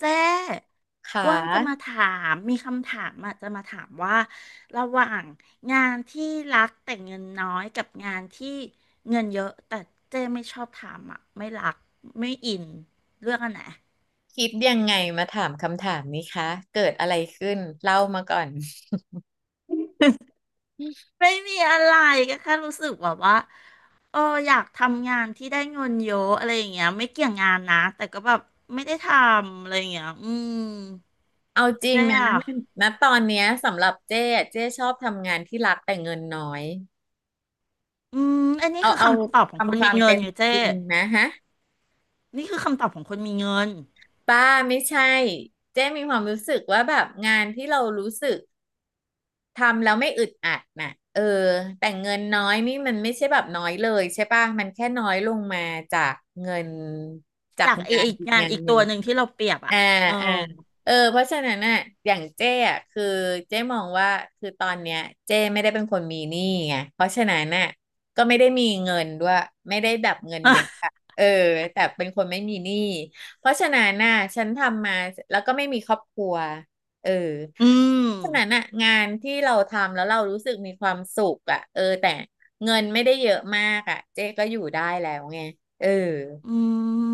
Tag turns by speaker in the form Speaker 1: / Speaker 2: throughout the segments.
Speaker 1: เจ๊
Speaker 2: ค่
Speaker 1: อ้วนจะมา
Speaker 2: ะ
Speaker 1: ถามมีคำถามอ่ะจะมาถามว่าระหว่างงานที่รักแต่เงินน้อยกับงานที่เงินเยอะแต่เจ๊ไม่ชอบทำอ่ะไม่รักไม่อินเลือกอันไหน
Speaker 2: คิดยังไงมาถามคำถามนี้คะเกิดอะไรขึ้นเล่ามาก่อน
Speaker 1: ไม่มีอะไรก็แค่รู้สึกแบบว่าเอออยากทำงานที่ได้เงินเยอะอะไรอย่างเงี้ยไม่เกี่ยงงานนะแต่ก็แบบไม่ได้ทำอะไรอย่างเงี้ยอืม
Speaker 2: เอาจริง
Speaker 1: เจ๊
Speaker 2: นะ
Speaker 1: อ่ะ
Speaker 2: ณตอนเนี้ยสำหรับเจ๊อะเจ๊ชอบทำงานที่รักแต่เงินน้อย
Speaker 1: อืมอันนี้
Speaker 2: เอา
Speaker 1: คือ
Speaker 2: เอา
Speaker 1: คำตอบของคน
Speaker 2: ทำค
Speaker 1: มี
Speaker 2: วาม
Speaker 1: เงิ
Speaker 2: เป็
Speaker 1: น
Speaker 2: น
Speaker 1: อยู่เจ๊
Speaker 2: จริงนะฮะ
Speaker 1: นี่คือคำตอบของคนมีเงิน
Speaker 2: ป้าไม่ใช่เจ๊มีความรู้สึกว่าแบบงานที่เรารู้สึกทำแล้วไม่อึดอัดน่ะเออแต่เงินน้อยนี่มันไม่ใช่แบบน้อยเลยใช่ป่ะมันแค่น้อยลงมาจากเงินจาก
Speaker 1: จากไอ
Speaker 2: งา
Speaker 1: ไอ
Speaker 2: นอีก
Speaker 1: งาน
Speaker 2: งาน
Speaker 1: อีก
Speaker 2: หนึ่
Speaker 1: ตั
Speaker 2: ง
Speaker 1: วหนึ่งที่เราเปรียบอ่ะ
Speaker 2: อ่า
Speaker 1: เออ
Speaker 2: อ่าเออเพราะฉะนั้นน่ะอย่างเจ้อ่ะคือเจ้มองว่าคือตอนเนี้ยเจ้ไม่ได้เป็นคนมีหนี้ไงเพราะฉะนั้นน่ะก็ไม่ได้มีเงินด้วยไม่ได้แบบเงินเยอะอะ เออแต่เป็นคนไม่มีหนี้เพราะฉะนั้นน่ะฉันทำมาแล้วก็ไม่มีครอบครัวเออ
Speaker 1: อืม
Speaker 2: เพราะฉะนั้นน่ะงานที่เราทำแล้วเรารู้สึกมีความสุขอ่ะเออแต่เงินไม่ได้เยอะมากอ่ะเจ๊ก็อยู่ได้แล้วไงเออ
Speaker 1: อื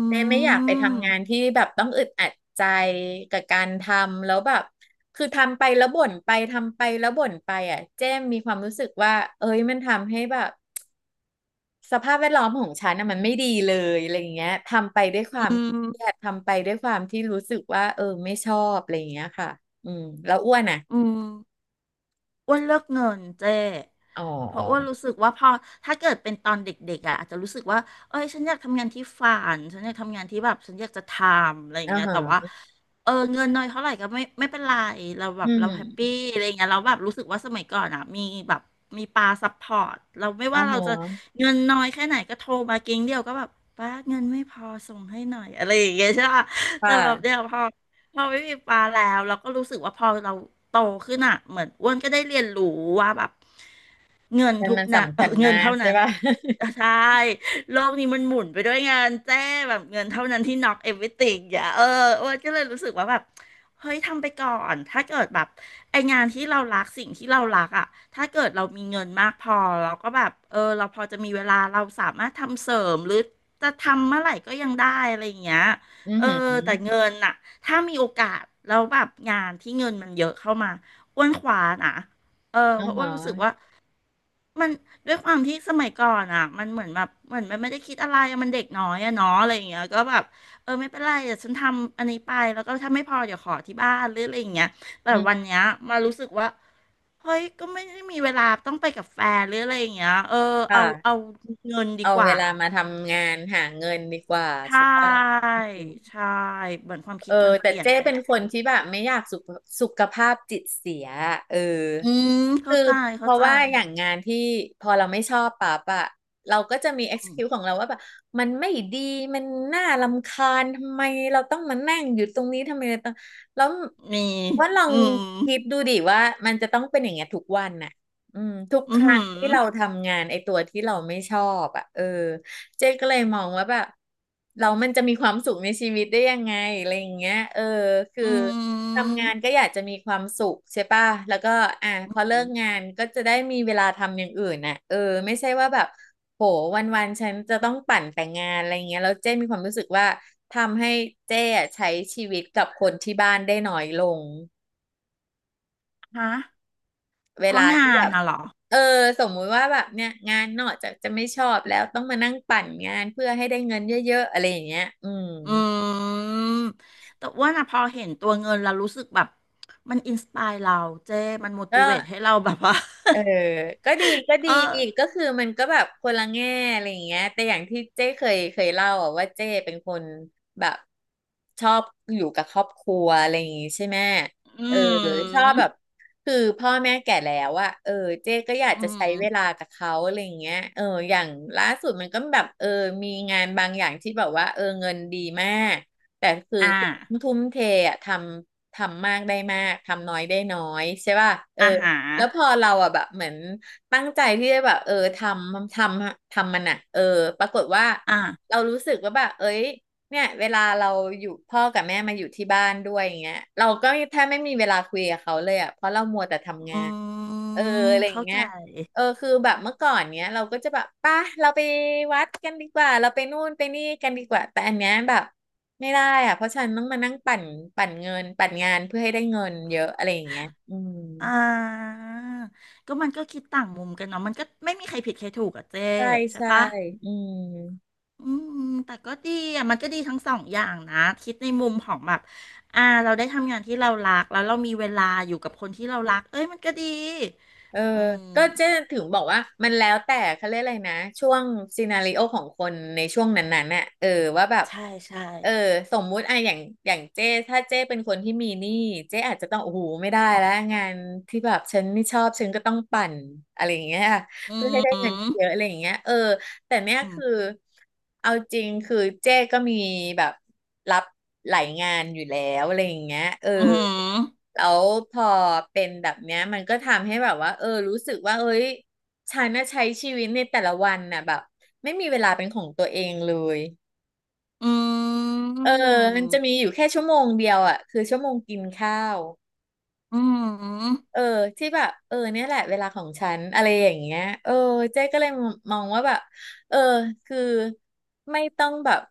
Speaker 2: เจ๊ไม่
Speaker 1: ม
Speaker 2: อยากไปทำงานที่แบบต้องอึดอัดใจกับการทำแล้วแบบคือทำไปแล้วบ่นไปทำไปแล้วบ่นไปอ่ะเจ๊มีความรู้สึกว่าเอ้ยมันทำให้แบบสภาพแวดล้อมของฉันน่ะมันไม่ดีเลยอะไรอย่างเงี้ยทำไปด้วยค
Speaker 1: อื
Speaker 2: วามเครียด
Speaker 1: ม
Speaker 2: ทำไปด้วยความที่รู้สึกว่าเออไม่ชอบอะไรอย่างเงี้ยค่ะอืมแล้วอ้วนอ่ะ
Speaker 1: อืม อ้วนเลือกเงินเจ้
Speaker 2: อ๋
Speaker 1: เพราะอ้วน
Speaker 2: อ
Speaker 1: รู้สึกว่าพอถ้าเกิดเป็นตอนเด็กๆอ่ะอาจจะรู้สึกว่า เอ้ยฉันอยากทำงานที่ฝันฉันอยากทำงานที่แบบฉันอยากจะทำอะไรอย่าง
Speaker 2: อ่า
Speaker 1: เงี้ยแต่ว่า
Speaker 2: ฮะ
Speaker 1: เงินน้อยเท่าไหร่ก็ไม่เป็นไรเราแบ
Speaker 2: อื
Speaker 1: บเราแฮปปี้
Speaker 2: ม
Speaker 1: อะไรอย่างเงี้ยเราแบบรู้สึกว่าสมัยก่อนอ่ะมีแบบมีปาซัพพอร์ตเราไม่
Speaker 2: อ่า
Speaker 1: ว่า
Speaker 2: ฮ
Speaker 1: เราจะ
Speaker 2: ะ
Speaker 1: เงินน้อยแค่ไหนก็โทรมาเก๊งเดียวก็แบบป้าเงินไม่พอส่งให้หน่อยอะไรอย่างเงี้ยใช่ปะ
Speaker 2: ค
Speaker 1: แต่แบบเดี๋ย
Speaker 2: ่ะ
Speaker 1: วพอ เราไม่มีปลาแล้วเราก็รู้สึกว่าพอเราโตขึ้นอ่ะเหมือนอ้วนก็ได้เรียนรู้ว่าแบบ เงิน
Speaker 2: แต่
Speaker 1: ทุก
Speaker 2: มัน
Speaker 1: นะ
Speaker 2: สำ
Speaker 1: เออ
Speaker 2: คัญ
Speaker 1: เงิ
Speaker 2: มา
Speaker 1: น
Speaker 2: ก
Speaker 1: เท่า
Speaker 2: ใช่
Speaker 1: นั้น
Speaker 2: ป่ะ
Speaker 1: ใช่โลกนี้มันหมุนไปด้วยงานแจ้แบบเงินเท่านั้นที่ knock everything อย่าอ้วนก็เลยรู้สึกว่าแบบเฮ้ยทำไปก่อน ถ้าเกิดแบบไองานที่เรารักสิ่งที่เรารักอ่ะถ้าเกิดเรามีเงินมากพอเราก็แบบเราพอจะมีเวลาเราสามารถทำเสริมหรือจะทำเมื่อไหร่ก็ยังได้อะไรอย่างเงี้ย
Speaker 2: อือ
Speaker 1: เออ
Speaker 2: หือ
Speaker 1: แต่เงินน่ะถ้ามีโอกาสแล้วแบบงานที่เงินมันเยอะเข้ามาอ้วนขวานะ
Speaker 2: อ่า
Speaker 1: เพราะว่า
Speaker 2: ฮะ
Speaker 1: รู้สึกว่า มันด้วยความที่สมัยก่อนอ่ะมันเหมือนแบบเหมือนมันไม่ได้คิดอะไรอะมันเด็กน้อยอะเนาะอะไรอย่างเงี้ยก็แบบไม่เป็นไรเดี๋ยวฉันทำอันนี้ไปแล้วก็ถ้าไม่พอเดี๋ยวขอที่บ้านหรืออะไรอย่างเงี้ยแต่
Speaker 2: อื
Speaker 1: วัน
Speaker 2: ม
Speaker 1: เนี้ยมารู้สึกว่าเฮ้ยก็ไม่ได้มีเวลาต้องไปกับแฟนหรืออะไรอย่างเงี้ยเอา
Speaker 2: ค่ะ
Speaker 1: เงินดี
Speaker 2: เอา
Speaker 1: ก
Speaker 2: เว
Speaker 1: ว่า
Speaker 2: ลามาทำงานหาเงินดีกว่า
Speaker 1: ใช
Speaker 2: ใช่ปะ
Speaker 1: ่
Speaker 2: อืม
Speaker 1: ใช่เหมือนความ
Speaker 2: เอ
Speaker 1: คิ
Speaker 2: อ
Speaker 1: ดมัน
Speaker 2: แต่
Speaker 1: เปลี่ยน
Speaker 2: เจ้
Speaker 1: ไป
Speaker 2: เป็
Speaker 1: แห
Speaker 2: น
Speaker 1: ละ
Speaker 2: คนที่แบบไม่อยากสุขสุขภาพจิตเสียเออ
Speaker 1: อืม
Speaker 2: คื
Speaker 1: เข้า
Speaker 2: อ
Speaker 1: ใจ
Speaker 2: เพ
Speaker 1: เข้า
Speaker 2: ราะ
Speaker 1: ใจ
Speaker 2: ว่าอย่างงานที่พอเราไม่ชอบปั๊บอะเราก็จะมี
Speaker 1: อืม
Speaker 2: excuse ของเราว่าแบบมันไม่ดีมันน่ารำคาญทำไมเราต้องมานั่งอยู่ตรงนี้ทำไมเราต้องแล้ว
Speaker 1: มี
Speaker 2: ว่าลอง
Speaker 1: อืม
Speaker 2: คิดดูดิว่ามันจะต้องเป็นอย่างเงี้ยทุกวันน่ะอืมทุกค
Speaker 1: อืมอ
Speaker 2: รั้
Speaker 1: หื
Speaker 2: ง
Speaker 1: อ
Speaker 2: ที่เราทำงานไอ้ตัวที่เราไม่ชอบอะเออ เจ๊ก็เลยมองว่าแบบเรามันจะมีความสุขในชีวิตได้ยังไงอะไรอย่างเงี้ยเออคือ
Speaker 1: อืม
Speaker 2: ทำงานก็อยากจะมีความสุขใช่ป่ะแล้วก็อ่ะพอเลิกงานก็จะได้มีเวลาทำอย่างอื่นน่ะเออไม่ใช่ว่าแบบโหวันๆฉันจะต้องปั่นแต่งงานอะไรเงี้ยแล้วเจ้มีความรู้สึกว่าทำให้เจ้อะใช้ชีวิตกับคนที่บ้านได้น้อยลง
Speaker 1: ฮะ
Speaker 2: เว
Speaker 1: เพ
Speaker 2: ลา
Speaker 1: ราะ
Speaker 2: ที่
Speaker 1: งา
Speaker 2: แบ
Speaker 1: น
Speaker 2: บ
Speaker 1: น่ะเหรอ
Speaker 2: เออสมมุติว่าแบบเนี่ยงานนอกจากจะไม่ชอบแล้วต้องมานั่งปั่นงานเพื่อให้ได้เงินเยอะๆอะไรอย่างเงี้ยอืม
Speaker 1: อืม แต่ว่าน่ะพอเห็นตัวเงินแล้วรู้สึกแบบมันอินสปายเราเจ้มันม t
Speaker 2: ก็
Speaker 1: i เว e ให้เราแบบว่า
Speaker 2: เออก็ดีก็ ดี
Speaker 1: เออ
Speaker 2: ก็คือมันก็แบบคนละแง่อะไรอย่างเงี้ยแต่อย่างที่เจ้เคยเล่าอะว่าเจ้เป็นคนแบบชอบอยู่กับครอบครัวอะไรอย่างงี้ใช่ไหม
Speaker 1: อื
Speaker 2: เออชอบ
Speaker 1: ม
Speaker 2: แบบคือพ่อแม่แก่แล้วอะเออเจ้ก็อยาก
Speaker 1: อื
Speaker 2: จะ
Speaker 1: ม
Speaker 2: ใช้เวลากับเขาอะไรอย่างเงี้ยเอออย่างล่าสุดมันก็แบบเออมีงานบางอย่างที่แบบว่าเออเงินดีมากแต่คือ
Speaker 1: อ่า
Speaker 2: ทุ่มเทอะทำมากได้มากทำน้อยได้น้อยใช่ป่ะเออ
Speaker 1: อาหาร
Speaker 2: แล้วพอเราอ่ะแบบเหมือนตั้งใจที่จะแบบเออำททำมันอ่ะเออปรากฏว่า
Speaker 1: อ่า
Speaker 2: เรารู้สึกว่าแบบเอ้ยเนี่ยเวลาเราอยู่พ่อกับแม่มาอยู่ที่บ้านด้วยอย่างเงี้ยเราก็แทบไม่มีเวลาคุยกับเขาเลยอ่ะเพราะเรามัวแต่ทำงา
Speaker 1: อื
Speaker 2: นเออ
Speaker 1: ม
Speaker 2: อะไรอย่า
Speaker 1: เข้า
Speaker 2: งเงี้
Speaker 1: ใจ
Speaker 2: ยเออคือแบบเมื่อก่อนเนี้ยเราก็จะแบบป่ะเราไปวัดกันดีกว่าเราไปนู่นไปนี่กันดีกว่าแต่อันเนี้ยแบบไม่ได้อ่ะเพราะฉันต้องมานั่งปั่นเงินปั่นงานเพื่อให้ได้เงินเยอะอะไรอย่างเงี้ยอืม
Speaker 1: อ่าก็มันก็คิดต่างมุมกันเนาะมันก็ไม่มีใครผิดใครถูกอะเจ้
Speaker 2: ใช่
Speaker 1: ใช่
Speaker 2: ใช่
Speaker 1: ปะ
Speaker 2: อืม
Speaker 1: อืมแต่ก็ดีอ่ะมันก็ดีทั้งสองอย่างนะคิดในมุมของแบบอ่าเราได้ทำงานที่เรารักแล้วเรามีเวลาอยู่กับคนที่เรารักเอ้ยมันก็ดี
Speaker 2: เออ
Speaker 1: อื
Speaker 2: ก็เจ๊
Speaker 1: ม
Speaker 2: ถึงบอกว่ามันแล้วแต่เขาเรียกอะไรนะช่วงซีนาริโอของคนในช่วงนั้นๆน่ะเออว่าแบบ
Speaker 1: ใช่ใช่
Speaker 2: เออสมมุติอะอย่างเจ๊ถ้าเจ๊เป็นคนที่มีหนี้เจ๊อาจจะต้องโอ้โหไม่ได้แล้วงานที่แบบฉันไม่ชอบฉันก็ต้องปั่นอะไรอย่างเงี้ย
Speaker 1: อื
Speaker 2: เพื่อให้ได้เงิน
Speaker 1: ม
Speaker 2: เยอะอะไรอย่างเงี้ยเออ แต่เนี่ย
Speaker 1: อืม
Speaker 2: คือเอาจริงคือเจ้ก็มีแบบรับหลายงานอยู่แล้วอะไรอย่างเงี้ยเออ
Speaker 1: อืม
Speaker 2: แล้วพอเป็นแบบเนี้ยมันก็ทำให้แบบว่าเออรู้สึกว่าเอ้ยฉันน่ะใช้ชีวิตในแต่ละวันน่ะแบบไม่มีเวลาเป็นของตัวเองเลย
Speaker 1: อื
Speaker 2: เออมัน
Speaker 1: ม
Speaker 2: จะมีอยู่แค่ชั่วโมงเดียวอ่ะคือชั่วโมงกินข้าว
Speaker 1: อืม
Speaker 2: เออที่แบบเนี่ยแหละเวลาของฉันอะไรอย่างเงี้ยเจ๊ก็เลยมองว่าแบบเออคือไม่ต้องแบบ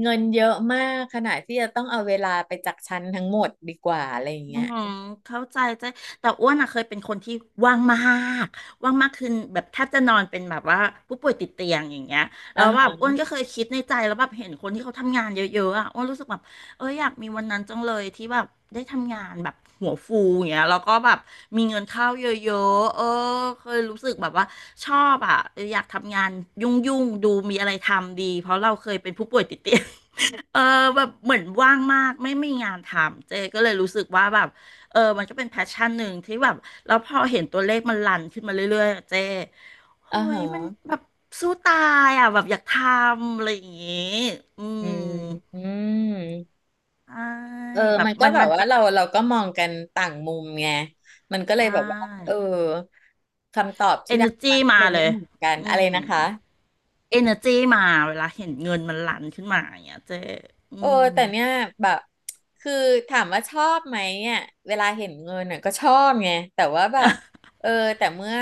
Speaker 2: เงินเยอะมากขนาดที่จะต้องเอาเวลาไปจากฉันทั้งหมดดีกว่าอะไรอย่าง
Speaker 1: อื
Speaker 2: เงี้ย
Speaker 1: มเข้าใจใจแต่อ้วนอะเคยเป็นคนที่ว่างมากว่างมากคือแบบแทบจะนอนเป็นแบบว่าผู้ป่วยติดเตียงอย่างเงี้ย
Speaker 2: อ่า
Speaker 1: แล้วแบบอ้
Speaker 2: ฮะ
Speaker 1: วนก็เคยคิดในใจแล้วแบบเห็นคนที่เขาทำงานเยอะๆอะอ้วนรู้สึกแบบอยากมีวันนั้นจังเลยที่แบบได้ทำงานแบบหัวฟูอย่างเงี้ยแล้วก็แบบมีเงินเข้าเยอะๆเคยรู้สึกแบบว่าชอบอะอยากทำงานยุ่งๆดูมีอะไรทำดีเพราะเราเคยเป็นผู้ป่วยติดเตียง เออแบบเหมือนว่างมากไม่มีงานทำเจก็เลยรู้สึกว่าแบบมันก็เป็นแพชชั่นหนึ่งที่แบบแล้วพอเห็นตัวเลขมันรันขึ้นมาเรื่อยๆอะเจโอ้
Speaker 2: อ่า
Speaker 1: ย
Speaker 2: ฮะ
Speaker 1: มันแบบสู้ตายอ่ะแบบอยากทำอะไรอย่างงี้อื
Speaker 2: อื
Speaker 1: ม
Speaker 2: มอืม
Speaker 1: ใช่
Speaker 2: เออ
Speaker 1: แบบ
Speaker 2: มันก็
Speaker 1: มัน
Speaker 2: แบบ
Speaker 1: มัน
Speaker 2: ว่า
Speaker 1: จะ
Speaker 2: เราก็มองกันต่างมุมไงมันก็เล
Speaker 1: ได
Speaker 2: ยแบบว่าเอ
Speaker 1: ้
Speaker 2: อคำตอบที่
Speaker 1: เอเน
Speaker 2: ได้
Speaker 1: อร์จี
Speaker 2: มาก็เล
Speaker 1: มา
Speaker 2: ย
Speaker 1: เล
Speaker 2: ไม่
Speaker 1: ย
Speaker 2: เหมือนกัน
Speaker 1: อื
Speaker 2: อะไร
Speaker 1: ม
Speaker 2: นะคะ
Speaker 1: เอเนอร์จีมาเวลาเห็นเงินมันรันขึ้นมาอย่างเงี้ยเจอื
Speaker 2: เออ
Speaker 1: ม
Speaker 2: แต่เนี่ยแบบคือถามว่าชอบไหมอ่ะเวลาเห็นเงินน่ะก็ชอบไงแต่ว่าแบบเออแต่เมื่อ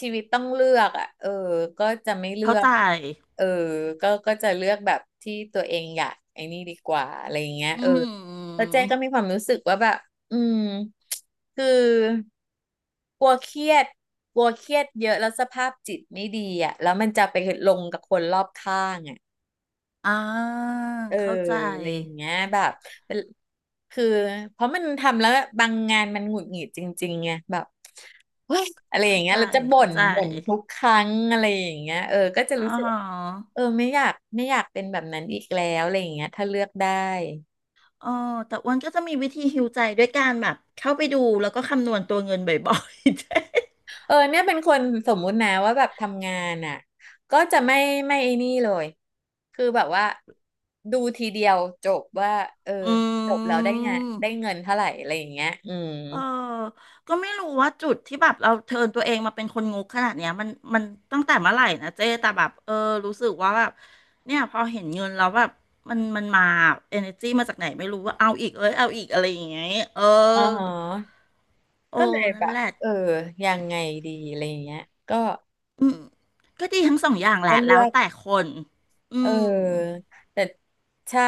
Speaker 2: ชีวิตต้องเลือกอ่ะก็จะไม่เลื
Speaker 1: เข้า
Speaker 2: อก
Speaker 1: ใจ
Speaker 2: เออก็จะเลือกแบบที่ตัวเองอยากไอ้นี่ดีกว่าอะไรอย่างเงี้ย
Speaker 1: อื
Speaker 2: แล้ว
Speaker 1: ม
Speaker 2: เจ๊ก็มีความรู้สึกว่าแบบอืมคือกลัวเครียดกลัวเครียดเยอะแล้วสภาพจิตไม่ดีอ่ะแล้วมันจะไปลงกับคนรอบข้างอ่ะ
Speaker 1: อ่า
Speaker 2: เออ
Speaker 1: เข้าใจ
Speaker 2: อะไรอย่างเงี้ยแบบเป็นคือเพราะมันทำแล้วบางงานมันหงุดหงิดจริงๆไงแบบเฮ้ยอะไรอย่า
Speaker 1: เข้า
Speaker 2: งเงี้
Speaker 1: ใจ
Speaker 2: ยเราจะบ่
Speaker 1: เข้า
Speaker 2: น
Speaker 1: ใจ
Speaker 2: บ่นทุกครั้งอะไรอย่างเงี้ยก็จะ
Speaker 1: อ๋อ
Speaker 2: รู้สึกไม่อยากเป็นแบบนั้นอีกแล้วอะไรอย่างเงี้ยถ้าเลือกได้
Speaker 1: อ๋อแต่อ้วนก็จะมีวิธีฮิวใจด้วยการแบบเข้าไปดูแล้วก็คำนวณตัวเงินบ่อย
Speaker 2: เนี่ยเป็นคนสมมุตินะว่าแบบทำงานอ่ะก็จะไม่ไอ้นี่เลยคือแบบว่าดูทีเดียวจบว่าเออ
Speaker 1: ๆ อื
Speaker 2: จบแล้วได้งาน
Speaker 1: ม
Speaker 2: ได้เงินเท่าไหร่อะไรอย่างเงี้ยอืม
Speaker 1: เออก็ไม่รู้ว่าจุดที่แบบเราเทิร์นตัวเองมาเป็นคนงกขนาดเนี้ยมันตั้งแต่เมื่อไหร่นะเจ๊แต่แบบรู้สึกว่าแบบเนี่ยพอเห็นเงินแล้วแบบมันมาเอเนอร์จีมาจากไหนไม่รู้ว่าเอาอีกเอ้ยเอาอีกอะไรอย่างเงี้ยเออ
Speaker 2: อ๋อ
Speaker 1: โอ้
Speaker 2: ก็เลยแบ
Speaker 1: นั่น
Speaker 2: บ
Speaker 1: แหละ
Speaker 2: ยังไงดีอะไรอย่างเงี้ยก็
Speaker 1: อืมก็ดีทั้งสองอย่างแห
Speaker 2: ก็
Speaker 1: ละแล้
Speaker 2: เลื
Speaker 1: ว
Speaker 2: อก
Speaker 1: แต่คนอื
Speaker 2: เ
Speaker 1: ม
Speaker 2: ออแต่ใช่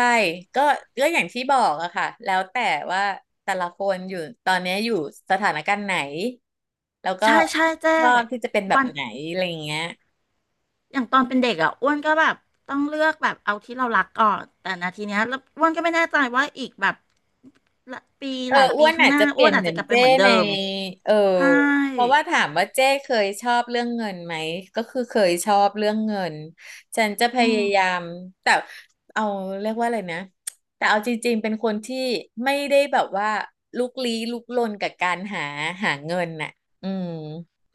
Speaker 2: ก็ก็อย่างที่บอกอะค่ะแล้วแต่ว่าแต่ละคนอยู่ตอนเนี้ยอยู่สถานการณ์ไหนแล้วก็
Speaker 1: ใช่ใช่เจ้
Speaker 2: ชอบที่จะเป็นแบบ
Speaker 1: วัน
Speaker 2: ไหนอะไรอย่างเงี้ย
Speaker 1: อย่างตอนเป็นเด็กอ่ะอ้วนก็แบบต้องเลือกแบบเอาที่เรารักก่อนแต่นาทีเนี้ยแล้วอ้วนก็ไม่แน่ใจว่าอีกแบบละปีหลาย
Speaker 2: อ้
Speaker 1: ปี
Speaker 2: วน
Speaker 1: ข้าง
Speaker 2: อา
Speaker 1: ห
Speaker 2: จ
Speaker 1: น้า
Speaker 2: จะเป
Speaker 1: อ้
Speaker 2: ลี่
Speaker 1: ว
Speaker 2: ย
Speaker 1: น
Speaker 2: น
Speaker 1: อาจ
Speaker 2: เหมื
Speaker 1: จะ
Speaker 2: อน
Speaker 1: กลับไป
Speaker 2: เจ้
Speaker 1: เหมือนเดิ
Speaker 2: ใน
Speaker 1: ม
Speaker 2: เออ
Speaker 1: ใช่
Speaker 2: เพราะว่าถามว่าเจ้เคยชอบเรื่องเงินไหมก็คือเคยชอบเรื่องเงินฉันจะพ
Speaker 1: อื
Speaker 2: ยา
Speaker 1: ม
Speaker 2: ยามแต่เอาเรียกว่าอะไรนะแต่เอาจริงๆเป็นคนที่ไม่ได้แบบว่าลุกลี้ลุกลนกับการหาเงินน่ะอืม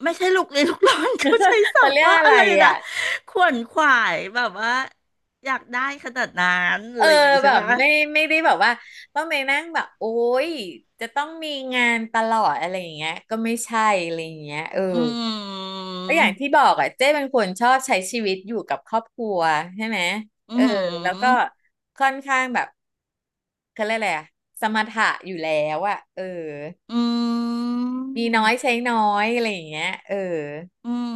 Speaker 1: ไม่ใช่ลูกเลยลูกร้อนเขาใช้ศั
Speaker 2: เขา
Speaker 1: พ
Speaker 2: เรี
Speaker 1: ท์
Speaker 2: ยก
Speaker 1: ว่า
Speaker 2: อะ
Speaker 1: อะ
Speaker 2: ไร
Speaker 1: ไรนะ
Speaker 2: อ่ะ
Speaker 1: ขวนขวายแบบว่าอยากได้ขนาดนั้น
Speaker 2: เอ
Speaker 1: อะ
Speaker 2: อ
Speaker 1: ไรอย่างงี้
Speaker 2: แบ
Speaker 1: ใช่
Speaker 2: บ
Speaker 1: ปะ
Speaker 2: ไม่ได้แบบว่าต้องไปนั่งแบบโอ๊ยจะต้องมีงานตลอดอะไรอย่างเงี้ยก็ไม่ใช่อะไรอย่างเงี้ย
Speaker 1: อืม
Speaker 2: ก็อย่างที่บอกอ่ะเจ้เป็นคนชอบใช้ชีวิตอยู่กับครอบครัวใช่ไหม
Speaker 1: อื
Speaker 2: เออแล้วก็
Speaker 1: ม
Speaker 2: ค่อนข้างแบบเขาเรียกอะไรอะสมถะอยู่แล้วอ่ะ
Speaker 1: อืม
Speaker 2: มีน้อยใช้น้อยอะไรอย่างเงี้ย
Speaker 1: อืม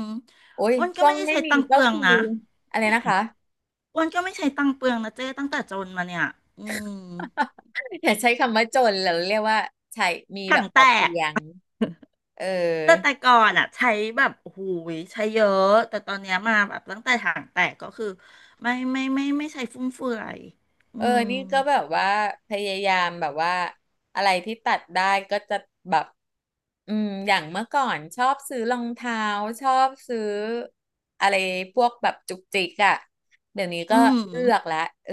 Speaker 2: โอ้ย
Speaker 1: อ้วนก็
Speaker 2: ช่ว
Speaker 1: ไม่
Speaker 2: ง
Speaker 1: ได้
Speaker 2: ไม่
Speaker 1: ใช้
Speaker 2: มี
Speaker 1: ตังค์เป
Speaker 2: ก็
Speaker 1: ลือง
Speaker 2: คือ
Speaker 1: นะ
Speaker 2: อะไรนะคะ
Speaker 1: อ้วนก็ไม่ใช้ตังค์เปลืองนะเจ้ตั้งแต่จนมาเนี่ยอืม
Speaker 2: อย่าใช้คำว่าจนเราเรียกว่าใช้มีแบ
Speaker 1: ถั
Speaker 2: บ
Speaker 1: ง
Speaker 2: พ
Speaker 1: แต
Speaker 2: อเพี
Speaker 1: ก
Speaker 2: ยงเ
Speaker 1: แต่
Speaker 2: ออ
Speaker 1: แต่ก่อนอ่ะใช้แบบโอ้โหูยใช้เยอะแต่ตอนเนี้ยมาแบบตั้งแต่ถังแตกก็คือไม่ใช้ฟุ่มเฟือยอืม
Speaker 2: นี่ก็แบบว่าพยายามแบบว่าอะไรที่ตัดได้ก็จะแบบอืมอย่างเมื่อก่อนชอบซื้อรองเท้าชอบซื้ออะไรพวกแบบจุกจิกอะเดี๋ยวนี้
Speaker 1: อื
Speaker 2: ก็เลื
Speaker 1: ม
Speaker 2: อกละเออ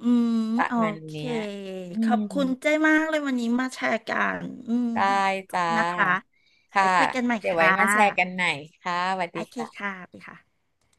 Speaker 1: อืม
Speaker 2: ประ
Speaker 1: โอ
Speaker 2: มาณ
Speaker 1: เค
Speaker 2: เนี้ยอื
Speaker 1: ขอบ
Speaker 2: ม
Speaker 1: คุณเจ้มากเลยวันนี้มาแชร์กันอืม
Speaker 2: ได้
Speaker 1: ขอบ
Speaker 2: จ้า
Speaker 1: คุณนะคะไป
Speaker 2: ค่ะ
Speaker 1: คุยกันใหม่
Speaker 2: เดี๋ยวไว้
Speaker 1: ค่ะ
Speaker 2: มาแชร์กันใหม่ค่ะสวัส
Speaker 1: โอ
Speaker 2: ดี
Speaker 1: เค
Speaker 2: ค่ะ
Speaker 1: ค่ะไปค่ะ